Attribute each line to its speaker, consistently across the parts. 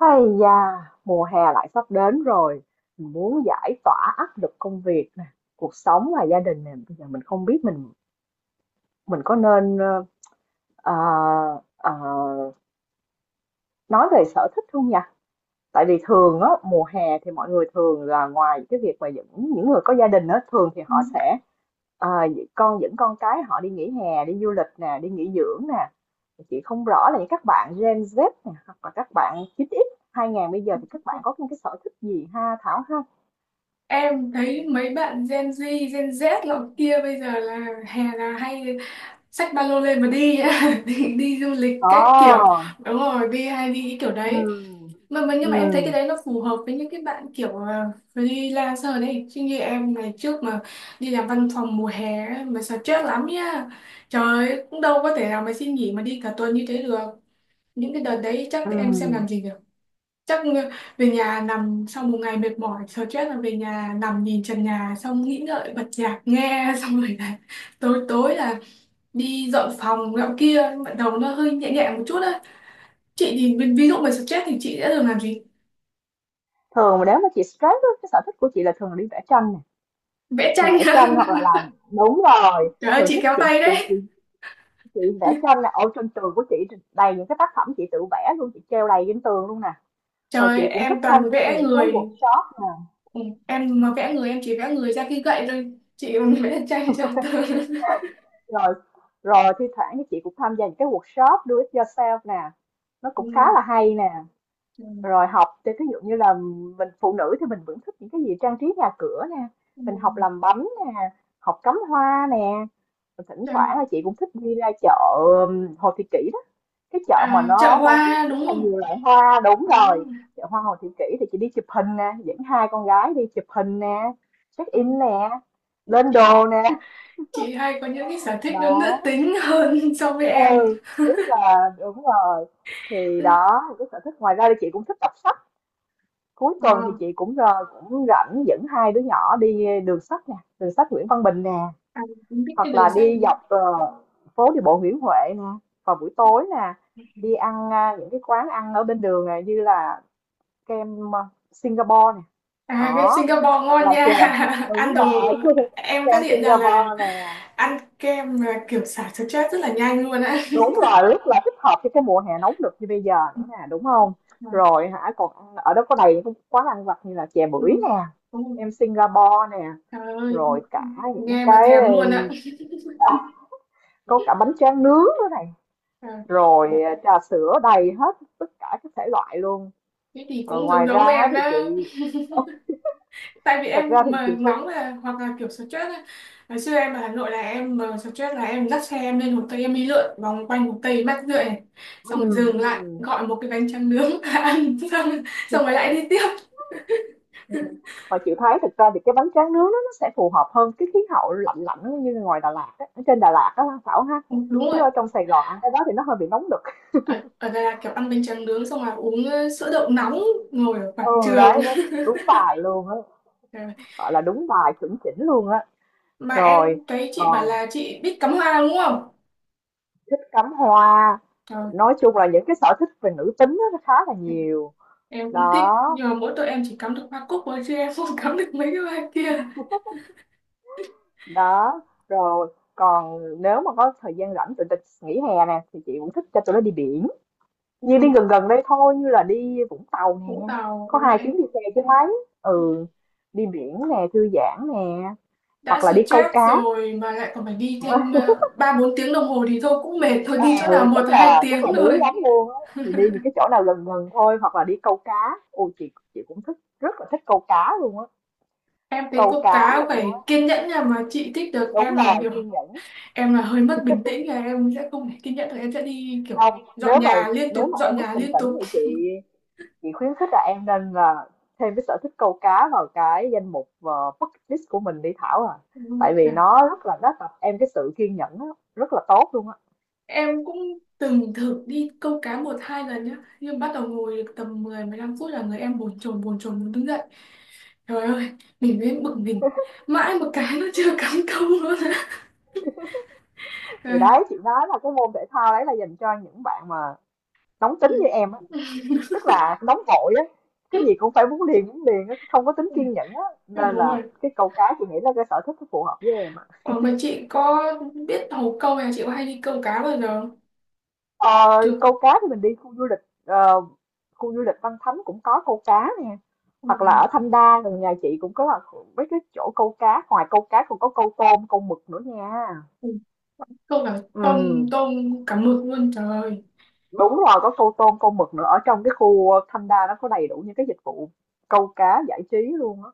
Speaker 1: Hay da, mùa hè lại sắp đến rồi, mình muốn giải tỏa áp lực công việc nè, cuộc sống và gia đình nè, bây giờ mình không biết mình có nên ờ, ờ, nói về sở thích không nhỉ? Tại vì thường á mùa hè thì mọi người thường là ngoài cái việc mà những người có gia đình á thường thì
Speaker 2: Ừ.
Speaker 1: họ sẽ à, con dẫn con cái họ đi nghỉ hè, đi du lịch nè, đi nghỉ dưỡng nè. Chị không rõ là những các bạn Gen Z nè hoặc là các bạn 9X 2000 bây giờ thì các bạn có những cái sở thích gì ha Thảo ha?
Speaker 2: Em thấy mấy bạn Gen Z lọ kia bây giờ là hè là hay xách ba lô lên mà đi á, đi du lịch
Speaker 1: Ồ.
Speaker 2: các kiểu đúng rồi đi hay đi cái kiểu
Speaker 1: Ừ.
Speaker 2: đấy mà nhưng
Speaker 1: Ừ.
Speaker 2: mà em thấy cái đấy nó phù hợp với những cái bạn kiểu freelancer đấy, chứ như em ngày trước mà đi làm văn phòng mùa hè ấy, mà stress lắm nha. Trời ơi, cũng đâu có thể nào mà xin nghỉ mà đi cả tuần như thế được, những cái đợt đấy chắc
Speaker 1: Ừ.
Speaker 2: em xem làm gì được. Chắc về nhà nằm sau một ngày mệt mỏi stress, là về nhà nằm nhìn trần nhà, xong nghĩ ngợi bật nhạc nghe xong rồi là tối tối là đi dọn phòng dọn kia bắt đầu nó hơi nhẹ nhẹ một chút á. Chị thì ví dụ mà stress thì chị sẽ thường làm gì?
Speaker 1: Thường mà nếu mà chị stress á, cái sở thích của chị là thường là đi vẽ tranh nè,
Speaker 2: Vẽ
Speaker 1: thường
Speaker 2: tranh
Speaker 1: vẽ tranh hoặc là làm, đúng rồi,
Speaker 2: trời ơi
Speaker 1: thường
Speaker 2: chị
Speaker 1: thích.
Speaker 2: kéo tay đấy.
Speaker 1: Chị chị vẽ tranh là ở trên tường của chị đầy những cái tác phẩm chị tự vẽ luôn, chị treo đầy trên tường luôn nè. Rồi chị
Speaker 2: Trời
Speaker 1: cũng thích
Speaker 2: em
Speaker 1: tham
Speaker 2: toàn
Speaker 1: gia
Speaker 2: vẽ
Speaker 1: những cái
Speaker 2: người.
Speaker 1: workshop nè.
Speaker 2: Ừ, em mà vẽ người em chỉ vẽ người ra khi gậy thôi, chị còn vẽ tranh cho tớ
Speaker 1: Rồi rồi thi thoảng thì chị cũng tham gia những cái workshop do it yourself nè, nó cũng khá
Speaker 2: ừ.
Speaker 1: là hay nè.
Speaker 2: Ừ,
Speaker 1: Rồi học thì ví dụ như là mình phụ nữ thì mình vẫn thích những cái gì trang trí nhà cửa nè,
Speaker 2: ừ.
Speaker 1: mình học làm bánh nè, học cắm hoa nè. Rồi thỉnh
Speaker 2: Trời.
Speaker 1: thoảng là chị cũng thích đi ra chợ Hồ Thị Kỷ, cái chợ mà
Speaker 2: À, chợ
Speaker 1: nó bán
Speaker 2: hoa đúng
Speaker 1: rất là
Speaker 2: không?
Speaker 1: nhiều loại hoa, đúng
Speaker 2: Ừ.
Speaker 1: rồi. Chợ hoa Hồ Thị Kỷ thì chị đi chụp hình nè, dẫn hai con gái đi chụp hình nè, check
Speaker 2: Ừ.
Speaker 1: in nè, lên
Speaker 2: Chị
Speaker 1: đồ nè.
Speaker 2: chị hay có những cái sở thích nó nữ
Speaker 1: Đó.
Speaker 2: tính hơn so với
Speaker 1: Ê,
Speaker 2: em.
Speaker 1: rất là đúng rồi. Thì đó là cái sở thích, ngoài ra thì chị cũng thích đọc sách. Cuối
Speaker 2: Ờ,
Speaker 1: tuần thì chị cũng rồi cũng rảnh dẫn hai đứa nhỏ đi đường sách nè, đường sách Nguyễn Văn Bình nè,
Speaker 2: à, em biết cái
Speaker 1: hoặc là
Speaker 2: đường
Speaker 1: đi
Speaker 2: xanh.
Speaker 1: dọc phố đi bộ Nguyễn Huệ nè, vào buổi tối nè, đi ăn những cái quán ăn ở bên đường này, như là kem, Singapore này.
Speaker 2: À cái
Speaker 1: Đó,
Speaker 2: Singapore
Speaker 1: hoặc
Speaker 2: ngon
Speaker 1: là
Speaker 2: nha.
Speaker 1: chè, đúng
Speaker 2: Ăn đồ
Speaker 1: rồi,
Speaker 2: em phát
Speaker 1: kem
Speaker 2: hiện ra là
Speaker 1: Singapore nè,
Speaker 2: ăn kem là kiểu xả stress rất là nhanh luôn á.
Speaker 1: đúng là rất là thích hợp cho cái mùa hè nóng được như bây giờ nữa nè, đúng không?
Speaker 2: Ờ,
Speaker 1: Rồi hả, còn ăn ở đó có đầy những cái quán ăn vặt như là chè
Speaker 2: ừ,
Speaker 1: bưởi nè,
Speaker 2: đúng rồi.
Speaker 1: em Singapore nè,
Speaker 2: Trời ơi,
Speaker 1: rồi cả những
Speaker 2: nghe mà
Speaker 1: cái,
Speaker 2: thèm luôn á.
Speaker 1: có cả bánh tráng nướng nữa này,
Speaker 2: Ờ,
Speaker 1: rồi, trà sữa đầy hết tất cả các thể loại luôn.
Speaker 2: thế thì
Speaker 1: Rồi
Speaker 2: cũng giống
Speaker 1: ngoài
Speaker 2: giống
Speaker 1: ra
Speaker 2: em
Speaker 1: thì
Speaker 2: đó,
Speaker 1: chị,
Speaker 2: tại vì
Speaker 1: thật
Speaker 2: em
Speaker 1: ra thì
Speaker 2: mà
Speaker 1: chị cũng
Speaker 2: nóng là hoặc là kiểu stress ấy. Ngày xưa em ở Hà Nội là em mà stress là em dắt xe em lên Hồ Tây em đi lượn vòng quanh Hồ Tây mát rượi này, xong rồi dừng lại
Speaker 1: ừm,
Speaker 2: gọi một cái bánh tráng nướng ăn xong xong rồi
Speaker 1: ừm.
Speaker 2: lại đi tiếp.
Speaker 1: Ừm, mà chị thấy thực ra thì cái bánh tráng nướng đó nó sẽ phù hợp hơn cái khí hậu lạnh lạnh như ngoài Đà Lạt á, ở trên Đà Lạt á ha Thảo ha.
Speaker 2: Ừ, đúng
Speaker 1: Chứ
Speaker 2: rồi.
Speaker 1: ở trong Sài Gòn ăn cái đó thì nó hơi bị nóng đực.
Speaker 2: Ở, ở đây là kiểu ăn bánh tráng nướng xong là uống sữa đậu nóng, ngồi ở quảng
Speaker 1: Ừ,
Speaker 2: trường
Speaker 1: đấy, đó, đúng bài luôn á,
Speaker 2: trời ơi.
Speaker 1: gọi là đúng bài chuẩn chỉnh luôn á.
Speaker 2: Mà em
Speaker 1: Rồi
Speaker 2: thấy chị bảo
Speaker 1: còn
Speaker 2: là chị biết cắm hoa đúng không?
Speaker 1: thích cắm hoa,
Speaker 2: Trời,
Speaker 1: nói chung là những cái sở thích về nữ tính á, nó khá là
Speaker 2: em
Speaker 1: nhiều.
Speaker 2: em cũng thích
Speaker 1: Đó,
Speaker 2: nhưng mà mỗi tội em chỉ cắm được hoa cúc thôi, chứ em không cắm được mấy cái hoa kia.
Speaker 1: đó, rồi còn nếu mà có thời gian rảnh tụi tịch nghỉ hè nè thì chị cũng thích cho tụi nó đi biển. Như đi
Speaker 2: Ừ,
Speaker 1: gần gần đây thôi, như là đi Vũng Tàu nè,
Speaker 2: Vũng Tàu
Speaker 1: có
Speaker 2: đúng
Speaker 1: 2
Speaker 2: rồi.
Speaker 1: tiếng đi xe chứ mấy. Ừ, đi biển nè, thư giãn nè,
Speaker 2: Đã
Speaker 1: hoặc là đi câu
Speaker 2: stress
Speaker 1: cá.
Speaker 2: rồi mà lại còn phải đi thêm ba bốn tiếng đồng hồ thì thôi cũng mệt, thôi đi
Speaker 1: À
Speaker 2: chỗ nào
Speaker 1: ừ,
Speaker 2: một
Speaker 1: chắc
Speaker 2: hai
Speaker 1: là chắc
Speaker 2: tiếng
Speaker 1: là đuối
Speaker 2: thôi.
Speaker 1: lắm luôn á. Thì đi những cái chỗ nào gần gần thôi, hoặc là đi câu cá. Ôi, chị cũng thích, rất là thích câu cá luôn á.
Speaker 2: Em thấy
Speaker 1: Câu
Speaker 2: câu
Speaker 1: cá
Speaker 2: cá
Speaker 1: này nha,
Speaker 2: phải kiên nhẫn nha, mà chị thích được,
Speaker 1: đúng
Speaker 2: em là
Speaker 1: rồi,
Speaker 2: kiểu
Speaker 1: kiên nhẫn.
Speaker 2: em là hơi mất bình tĩnh là em sẽ không thể kiên nhẫn được, em sẽ đi kiểu
Speaker 1: Không,
Speaker 2: dọn
Speaker 1: nếu mà
Speaker 2: nhà liên
Speaker 1: nếu
Speaker 2: tục
Speaker 1: mà em
Speaker 2: dọn
Speaker 1: mất
Speaker 2: nhà
Speaker 1: bình
Speaker 2: liên
Speaker 1: tĩnh
Speaker 2: tục.
Speaker 1: thì chị khuyến khích là em nên là thêm cái sở thích câu cá vào cái danh mục bucket list của mình đi Thảo à,
Speaker 2: Ừ.
Speaker 1: tại vì
Speaker 2: À,
Speaker 1: nó rất là nó tập em cái sự kiên nhẫn á, rất là tốt luôn á.
Speaker 2: em cũng từng thử đi câu cá một hai lần nhá, nhưng bắt đầu ngồi được tầm 10 15 phút là người em bồn chồn muốn đứng dậy, trời ơi mình mới bực mình, mãi một cái nó chưa cắm câu luôn.
Speaker 1: Thì đấy chị nói là cái môn thể thao đấy là dành cho những bạn mà nóng tính như em á, tức là nóng vội á, cái gì cũng phải muốn liền á, không có tính
Speaker 2: Ừ.
Speaker 1: kiên nhẫn á,
Speaker 2: Ừ,
Speaker 1: nên
Speaker 2: đúng
Speaker 1: là
Speaker 2: rồi.
Speaker 1: cái câu cá chị nghĩ là cái sở thích nó phù hợp với em á.
Speaker 2: Ờ, mà chị có biết hầu câu hay là chị có hay đi câu cá bao giờ không?
Speaker 1: Ờ,
Speaker 2: Chưa.
Speaker 1: câu cá thì mình đi khu du lịch, ờ, khu du lịch Văn Thánh cũng có câu cá nè,
Speaker 2: Ừ.
Speaker 1: hoặc là ở Thanh Đa gần nhà chị cũng có là mấy cái chỗ câu cá, ngoài câu cá còn có câu tôm câu mực nữa nha.
Speaker 2: Ừ. Câu cả tôm,
Speaker 1: Ừ,
Speaker 2: tôm, cả mực luôn trời.
Speaker 1: đúng rồi, có câu tôm câu mực nữa. Ở trong cái khu Thanh Đa nó có đầy đủ những cái dịch vụ câu cá giải trí luôn á,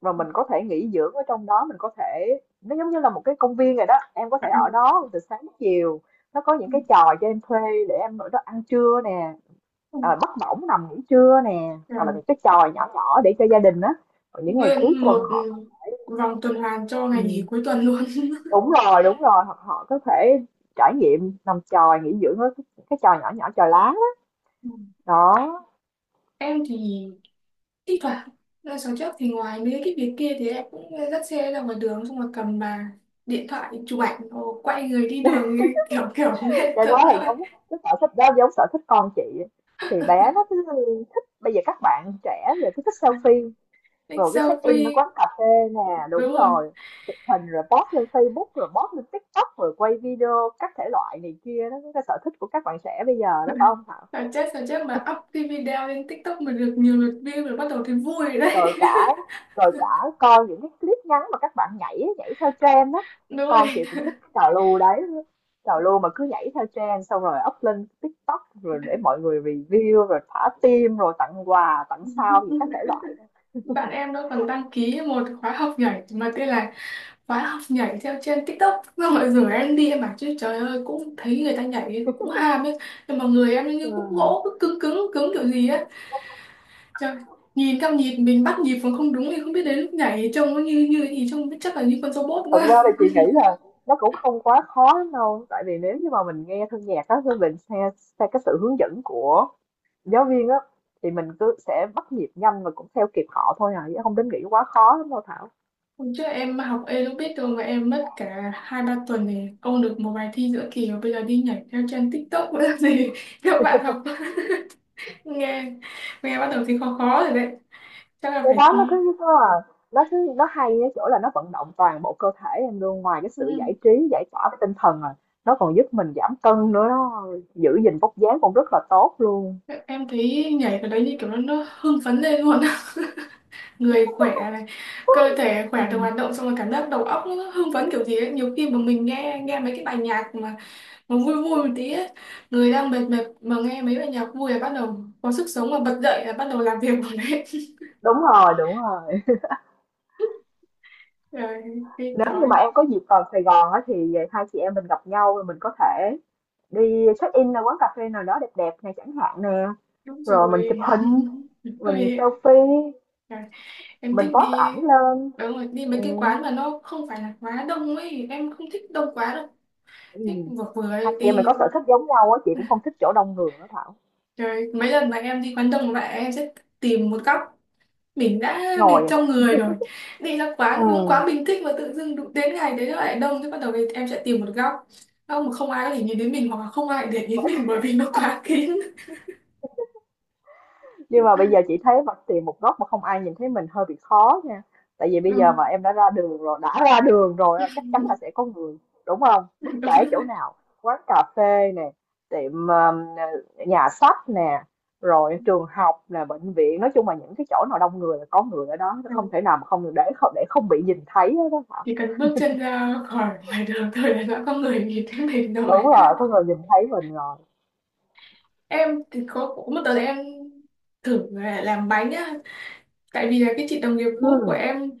Speaker 1: và mình có thể nghỉ dưỡng ở trong đó, mình có thể, nó giống như là một cái công viên rồi đó, em có
Speaker 2: À,
Speaker 1: thể ở đó từ sáng đến chiều, nó có
Speaker 2: ừ,
Speaker 1: những cái trò cho em thuê để em ở đó ăn trưa nè,
Speaker 2: ừ.
Speaker 1: bắt bỏng nằm nghỉ trưa nè, hoặc
Speaker 2: Trời.
Speaker 1: là cái chòi nhỏ nhỏ để cho gia đình á. Còn những ngày cuối
Speaker 2: Nguyên
Speaker 1: tuần
Speaker 2: một
Speaker 1: họ,
Speaker 2: ừ, vòng tuần hoàn cho ngày nghỉ
Speaker 1: ừ,
Speaker 2: cuối tuần luôn.
Speaker 1: đúng rồi hoặc họ có thể trải nghiệm nằm chòi nghỉ dưỡng ở cái chòi nhỏ nhỏ chòi lá á.
Speaker 2: Ừ.
Speaker 1: Đó,
Speaker 2: Em thì thi thoảng là sáng trước thì ngoài mấy cái việc kia thì em cũng dắt xe ra ngoài đường, xong rồi cầm bà điện thoại chụp ảnh rồi quay người đi đường như kiểu kiểu lên
Speaker 1: cái đó
Speaker 2: tận
Speaker 1: thì
Speaker 2: nơi
Speaker 1: giống cái sở thích đó, giống sở thích con chị, thì bé nó cứ thích, bây giờ các bạn trẻ giờ cứ thích selfie
Speaker 2: take
Speaker 1: rồi cái check in ở
Speaker 2: selfie
Speaker 1: quán cà phê nè,
Speaker 2: đúng
Speaker 1: đúng
Speaker 2: rồi.
Speaker 1: rồi, chụp hình rồi post lên Facebook rồi post lên TikTok rồi quay video các thể loại này kia, đó cái sở thích của các bạn trẻ bây giờ đó, phải không Thảo?
Speaker 2: Sao chết mà up cái video lên TikTok mà được nhiều lượt view rồi bắt đầu thấy vui rồi đấy.
Speaker 1: Rồi cả rồi cả coi những cái clip ngắn mà các bạn nhảy nhảy theo trend á,
Speaker 2: Đúng
Speaker 1: con chị
Speaker 2: rồi.
Speaker 1: cũng thích cái trào lưu đấy, trào lưu mà cứ nhảy theo trend xong rồi up lên TikTok rồi để mọi người review rồi thả tim rồi tặng quà tặng sao gì các thể loại đó.
Speaker 2: Bạn em nó còn đăng ký một khóa học nhảy mà tên là khóa học nhảy theo trên TikTok. Xong rồi rủ em đi, em bảo chứ trời ơi cũng thấy người ta nhảy cũng ham ấy. Nhưng mà người em như cũng
Speaker 1: Vâng.
Speaker 2: gỗ, cứ cứng cứng cứng kiểu gì á. Trời, nhìn theo nhịp mình bắt nhịp còn không đúng thì không biết đến lúc nhảy trông nó như như cái gì, trông biết chắc là như con robot
Speaker 1: Thật
Speaker 2: quá.
Speaker 1: ra thì chị nghĩ là nó cũng không quá khó lắm đâu, tại vì nếu như mà mình nghe thân nhạc á, mình theo cái sự hướng dẫn của giáo viên á thì mình cứ sẽ bắt nhịp nhanh và cũng theo kịp họ thôi à, chứ không đến nghĩ quá khó lắm đâu Thảo.
Speaker 2: Hôm trước em học aerobic rồi mà em mất cả hai ba tuần để ôn được một bài thi giữa kỳ, và bây giờ đi nhảy theo trend TikTok nữa làm gì các bạn học nghe nghe bắt đầu thấy khó khó rồi đấy, chắc là
Speaker 1: Cái
Speaker 2: phải
Speaker 1: đó nó cứ như có là, nó cứ nó hay ở chỗ là nó vận động toàn bộ cơ thể em luôn, ngoài cái
Speaker 2: ừ.
Speaker 1: sự giải trí giải tỏa với tinh thần rồi, nó còn giúp mình giảm cân nữa đó, giữ gìn vóc dáng cũng rất là tốt luôn.
Speaker 2: Em thấy nhảy cái đấy như kiểu nó hưng phấn lên luôn. Người khỏe này, cơ thể khỏe
Speaker 1: Ừ.
Speaker 2: được hoạt động xong rồi cảm giác đầu óc nó hưng phấn kiểu gì ấy, nhiều khi mà mình nghe nghe mấy cái bài nhạc mà vui vui một tí ấy, người đang mệt mệt mà nghe mấy bài nhạc vui là bắt đầu có sức sống mà bật dậy là bắt đầu làm việc rồi đấy.
Speaker 1: Đúng rồi.
Speaker 2: Rồi đi
Speaker 1: Nếu như
Speaker 2: thôi.
Speaker 1: mà em có dịp vào Sài Gòn á thì hai chị em mình gặp nhau rồi mình có thể đi check in ở quán cà phê nào đó đẹp đẹp này chẳng hạn nè,
Speaker 2: Đúng
Speaker 1: rồi mình chụp
Speaker 2: rồi.
Speaker 1: hình, mình
Speaker 2: Hơi
Speaker 1: selfie,
Speaker 2: rồi. Em
Speaker 1: mình
Speaker 2: thích
Speaker 1: post
Speaker 2: đi
Speaker 1: ảnh lên.
Speaker 2: đúng rồi, đi mấy
Speaker 1: Ừ.
Speaker 2: cái quán mà nó không phải là quá đông ấy, em không thích đông quá đâu,
Speaker 1: Ừ.
Speaker 2: thích vừa vừa
Speaker 1: Hai
Speaker 2: ấy
Speaker 1: chị em mình có
Speaker 2: đi.
Speaker 1: sở thích giống nhau á, chị cũng không thích chỗ đông người đó.
Speaker 2: Rồi mấy lần mà em đi quán đông lại em sẽ tìm một góc, mình đã mệt
Speaker 1: Ngồi
Speaker 2: trong
Speaker 1: à?
Speaker 2: người rồi, đi ra quán đúng
Speaker 1: Ừm,
Speaker 2: quán mình thích mà tự dưng đụng đến ngày đấy nó lại đông thế, bắt đầu thì em sẽ tìm một góc không, mà không ai có thể nhìn đến mình hoặc là không ai để ý đến mình, bởi vì nó quá kín.
Speaker 1: nhưng mà bây giờ chị thấy mà tìm một góc mà không ai nhìn thấy mình hơi bị khó nha. Tại vì bây giờ
Speaker 2: Đúng,
Speaker 1: mà em đã ra đường rồi, đã ra đường rồi là chắc chắn là sẽ có người, đúng không? Bất kể chỗ nào, quán cà phê nè, tiệm nhà sách nè, rồi trường học nè, bệnh viện, nói chung là những cái chỗ nào đông người là có người ở đó, không
Speaker 2: đúng.
Speaker 1: thể nào mà không bị nhìn thấy hết đó hả?
Speaker 2: Chỉ cần bước chân ra khỏi ngoài đường thôi là đã có người nhìn thấy mình rồi.
Speaker 1: Đúng rồi, có người nhìn thấy mình rồi.
Speaker 2: Em thì có một đợt em thử là làm bánh á. Tại vì là cái chị đồng nghiệp cũ của
Speaker 1: Ừ.
Speaker 2: em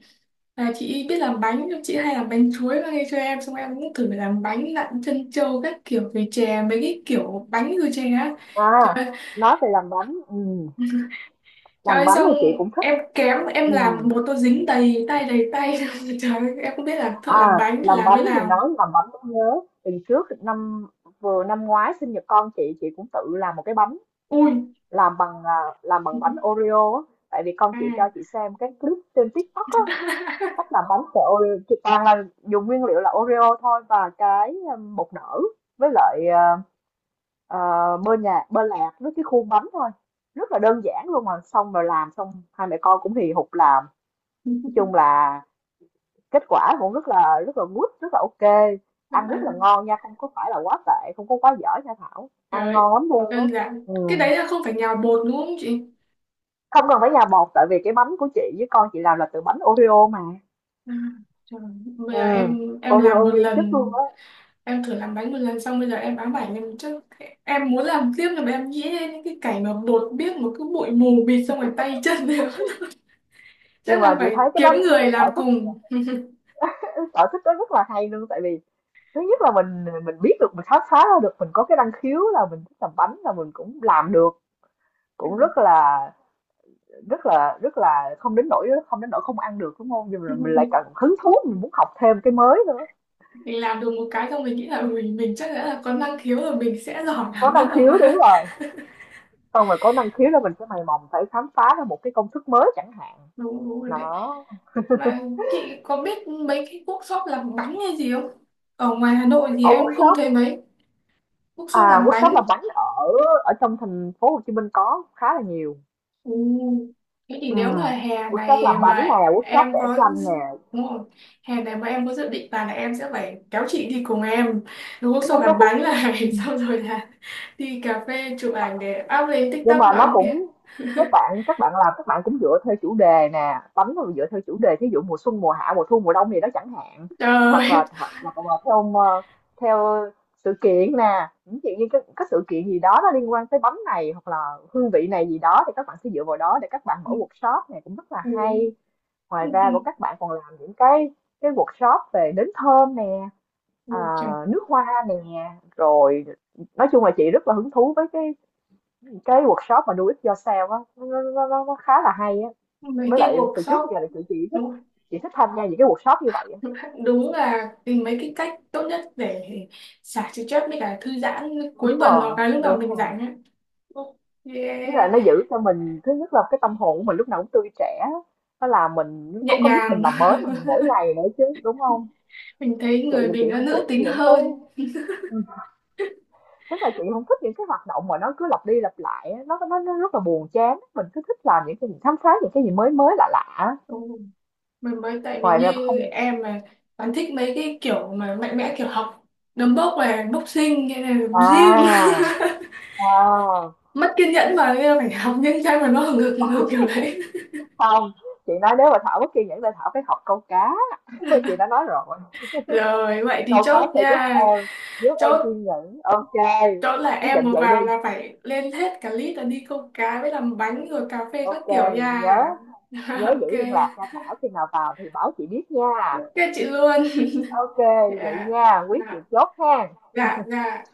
Speaker 2: là chị biết làm bánh, nhưng chị hay làm bánh chuối mang đi cho em. Xong em cũng thử làm bánh lặn chân trâu các kiểu về chè, mấy cái kiểu bánh rồi chè á. Trời
Speaker 1: À,
Speaker 2: ơi,
Speaker 1: nói về làm bánh, ừ.
Speaker 2: trời
Speaker 1: Làm
Speaker 2: ơi,
Speaker 1: bánh
Speaker 2: xong
Speaker 1: thì chị cũng thích.
Speaker 2: em kém, em
Speaker 1: Ừ.
Speaker 2: làm một tô dính đầy tay đầy tay. Trời ơi, em không biết là thợ
Speaker 1: À,
Speaker 2: làm bánh
Speaker 1: làm
Speaker 2: làm
Speaker 1: bánh
Speaker 2: thế
Speaker 1: thì
Speaker 2: nào.
Speaker 1: nói làm bánh cũng nhớ. Tuần trước năm năm ngoái sinh nhật con chị cũng tự làm một cái bánh,
Speaker 2: Ui,
Speaker 1: làm bằng làm bằng bánh Oreo á. Tại vì con chị cho
Speaker 2: à.
Speaker 1: chị xem cái clip trên TikTok á, cách làm bánh của Oreo. Chị toàn là dùng nguyên liệu là Oreo thôi và cái bột nở với lại à, bơ nhạt, bơ lạc với cái khuôn bánh thôi. Rất là đơn giản luôn, mà xong rồi làm xong hai mẹ con cũng hì hục làm. Nói chung là kết quả cũng rất là good, rất là ok,
Speaker 2: Các
Speaker 1: ăn rất là
Speaker 2: bạn,
Speaker 1: ngon nha, không có phải là quá tệ, không có quá dở nha Thảo, ăn
Speaker 2: trời,
Speaker 1: ngon lắm luôn á.
Speaker 2: đơn giản.
Speaker 1: Ừ.
Speaker 2: Cái đấy là không phải nhào bột đúng không chị?
Speaker 1: Không cần phải nhà bột tại vì cái bánh của chị với con chị làm là từ bánh Oreo mà.
Speaker 2: À, trời, bây
Speaker 1: Ừ.
Speaker 2: giờ em làm
Speaker 1: Oreo
Speaker 2: một
Speaker 1: nguyên chất
Speaker 2: lần,
Speaker 1: luôn á.
Speaker 2: em thử làm bánh một lần xong bây giờ em ám ảnh em chứ, em muốn làm tiếp là em nghĩ đến những cái cảnh mà bột biết một cái bụi mù bịt xong rồi tay chân đều.
Speaker 1: Nhưng
Speaker 2: Chắc
Speaker 1: mà
Speaker 2: là
Speaker 1: chị
Speaker 2: phải
Speaker 1: thấy cái
Speaker 2: kiếm
Speaker 1: đó cũng một
Speaker 2: người
Speaker 1: cái
Speaker 2: làm
Speaker 1: sở
Speaker 2: cùng.
Speaker 1: thích, cái sở thích đó rất là hay luôn, tại vì thứ nhất là mình biết được, mình khám phá ra được mình có cái năng khiếu là mình thích làm bánh, là mình cũng làm được, cũng rất là, rất là không đến nỗi, không đến nỗi không ăn được, đúng không? Nhưng mà mình lại cần hứng thú, mình muốn học thêm cái mới nữa.
Speaker 2: Mình làm được một cái xong mình nghĩ là mình chắc đã là có năng khiếu rồi, mình sẽ giỏi
Speaker 1: Có
Speaker 2: làm
Speaker 1: năng
Speaker 2: bắt đầu
Speaker 1: khiếu, đúng rồi, xong rồi có năng khiếu là mình sẽ mày mò phải khám phá ra một cái công thức mới chẳng hạn.
Speaker 2: đúng đúng rồi đấy.
Speaker 1: Đó,
Speaker 2: Mà chị có biết mấy cái workshop làm bánh hay gì không? Ở ngoài Hà Nội thì
Speaker 1: ở
Speaker 2: em không
Speaker 1: workshop,
Speaker 2: thấy mấy workshop
Speaker 1: à,
Speaker 2: làm
Speaker 1: workshop
Speaker 2: bánh.
Speaker 1: làm bánh ở ở trong thành phố Hồ Chí Minh có khá là nhiều.
Speaker 2: Ừ. Thế thì nếu mà
Speaker 1: Ừm,
Speaker 2: hè
Speaker 1: workshop
Speaker 2: này
Speaker 1: làm bánh
Speaker 2: mà
Speaker 1: nè, workshop
Speaker 2: em
Speaker 1: vẽ
Speaker 2: có
Speaker 1: tranh nè.
Speaker 2: dự- đúng rồi. Hè này mà em có dự định là em sẽ phải kéo chị đi cùng em đúng workshop làm bánh này xong rồi là đi cà phê chụp ảnh để up lên
Speaker 1: Nhưng
Speaker 2: TikTok
Speaker 1: mà
Speaker 2: nói
Speaker 1: nó
Speaker 2: kìa
Speaker 1: cũng, các bạn làm, các bạn cũng dựa theo chủ đề nè, bánh nó dựa theo chủ đề thí dụ mùa xuân, mùa hạ, mùa thu, mùa đông gì đó chẳng hạn. Hoặc là
Speaker 2: trời.
Speaker 1: hoặc là theo theo sự kiện nè, những chuyện như các sự kiện gì đó nó liên quan tới bánh này hoặc là hương vị này gì đó thì các bạn sẽ dựa vào đó để các bạn mở
Speaker 2: Ừ.
Speaker 1: workshop này, cũng rất là hay. Ngoài
Speaker 2: Ừ.
Speaker 1: ra của các bạn còn làm những cái workshop về nến thơm nè,
Speaker 2: Ừ.
Speaker 1: à,
Speaker 2: Trời.
Speaker 1: nước hoa nè, rồi nói chung là chị rất là hứng thú với cái workshop mà Do It Yourself á, nó khá là hay á.
Speaker 2: Mấy
Speaker 1: Mới
Speaker 2: cái
Speaker 1: lại từ trước
Speaker 2: workshop
Speaker 1: giờ là chị thích,
Speaker 2: đúng
Speaker 1: chị thích tham gia những cái workshop như vậy á.
Speaker 2: đúng là tìm mấy cái cách tốt nhất để xả stress với cả thư giãn cuối
Speaker 1: Đúng
Speaker 2: tuần hoặc
Speaker 1: rồi,
Speaker 2: là lúc nào
Speaker 1: đúng
Speaker 2: mình
Speaker 1: rồi.
Speaker 2: rảnh á. Ok,
Speaker 1: Chứ lại nó giữ cho mình thứ nhất là cái tâm hồn của mình lúc nào cũng tươi trẻ, nó làm mình
Speaker 2: nhẹ
Speaker 1: có giúp mình
Speaker 2: nhàng
Speaker 1: làm mới mình mỗi ngày nữa chứ, đúng không?
Speaker 2: mình thấy
Speaker 1: Chị
Speaker 2: người
Speaker 1: là chị
Speaker 2: mình nó
Speaker 1: không
Speaker 2: nữ
Speaker 1: thích
Speaker 2: tính
Speaker 1: những cái,
Speaker 2: hơn
Speaker 1: ừ, tức là chị không thích những cái hoạt động mà nó cứ lặp đi lặp lại á, nó rất là buồn chán, mình cứ thích làm những cái gì khám phá những cái gì mới mới lạ lạ.
Speaker 2: ừ. Mình mới tại vì
Speaker 1: Ngoài ra
Speaker 2: như
Speaker 1: không.
Speaker 2: em mà bạn thích mấy cái kiểu mà mạnh mẽ kiểu học đấm bốc này, boxing hay là gym
Speaker 1: À. À.
Speaker 2: mất kiên nhẫn mà, nên là phải học những cái mà nó hừng hực kiểu đấy.
Speaker 1: Không, chị nói nếu mà Thảo mất kiên nhẫn thì Thảo phải học câu cá. Chị đã nói rồi,
Speaker 2: Rồi vậy thì
Speaker 1: câu cá
Speaker 2: chốt
Speaker 1: sẽ giúp
Speaker 2: nha,
Speaker 1: em, giúp em
Speaker 2: chốt
Speaker 1: kiên nhẫn. OK,
Speaker 2: chỗ là
Speaker 1: quyết
Speaker 2: em
Speaker 1: định
Speaker 2: vừa
Speaker 1: vậy đi.
Speaker 2: vào là phải lên hết cả list là đi câu cá với làm bánh rồi cà phê các
Speaker 1: OK,
Speaker 2: kiểu nha.
Speaker 1: nhớ nhớ
Speaker 2: Ok,
Speaker 1: giữ liên lạc nha Thảo, khi nào vào thì báo chị biết nha.
Speaker 2: ok chị luôn,
Speaker 1: OK, vậy
Speaker 2: dạ
Speaker 1: nha, quyết chị
Speaker 2: dạ
Speaker 1: chốt ha.
Speaker 2: dạ dạ.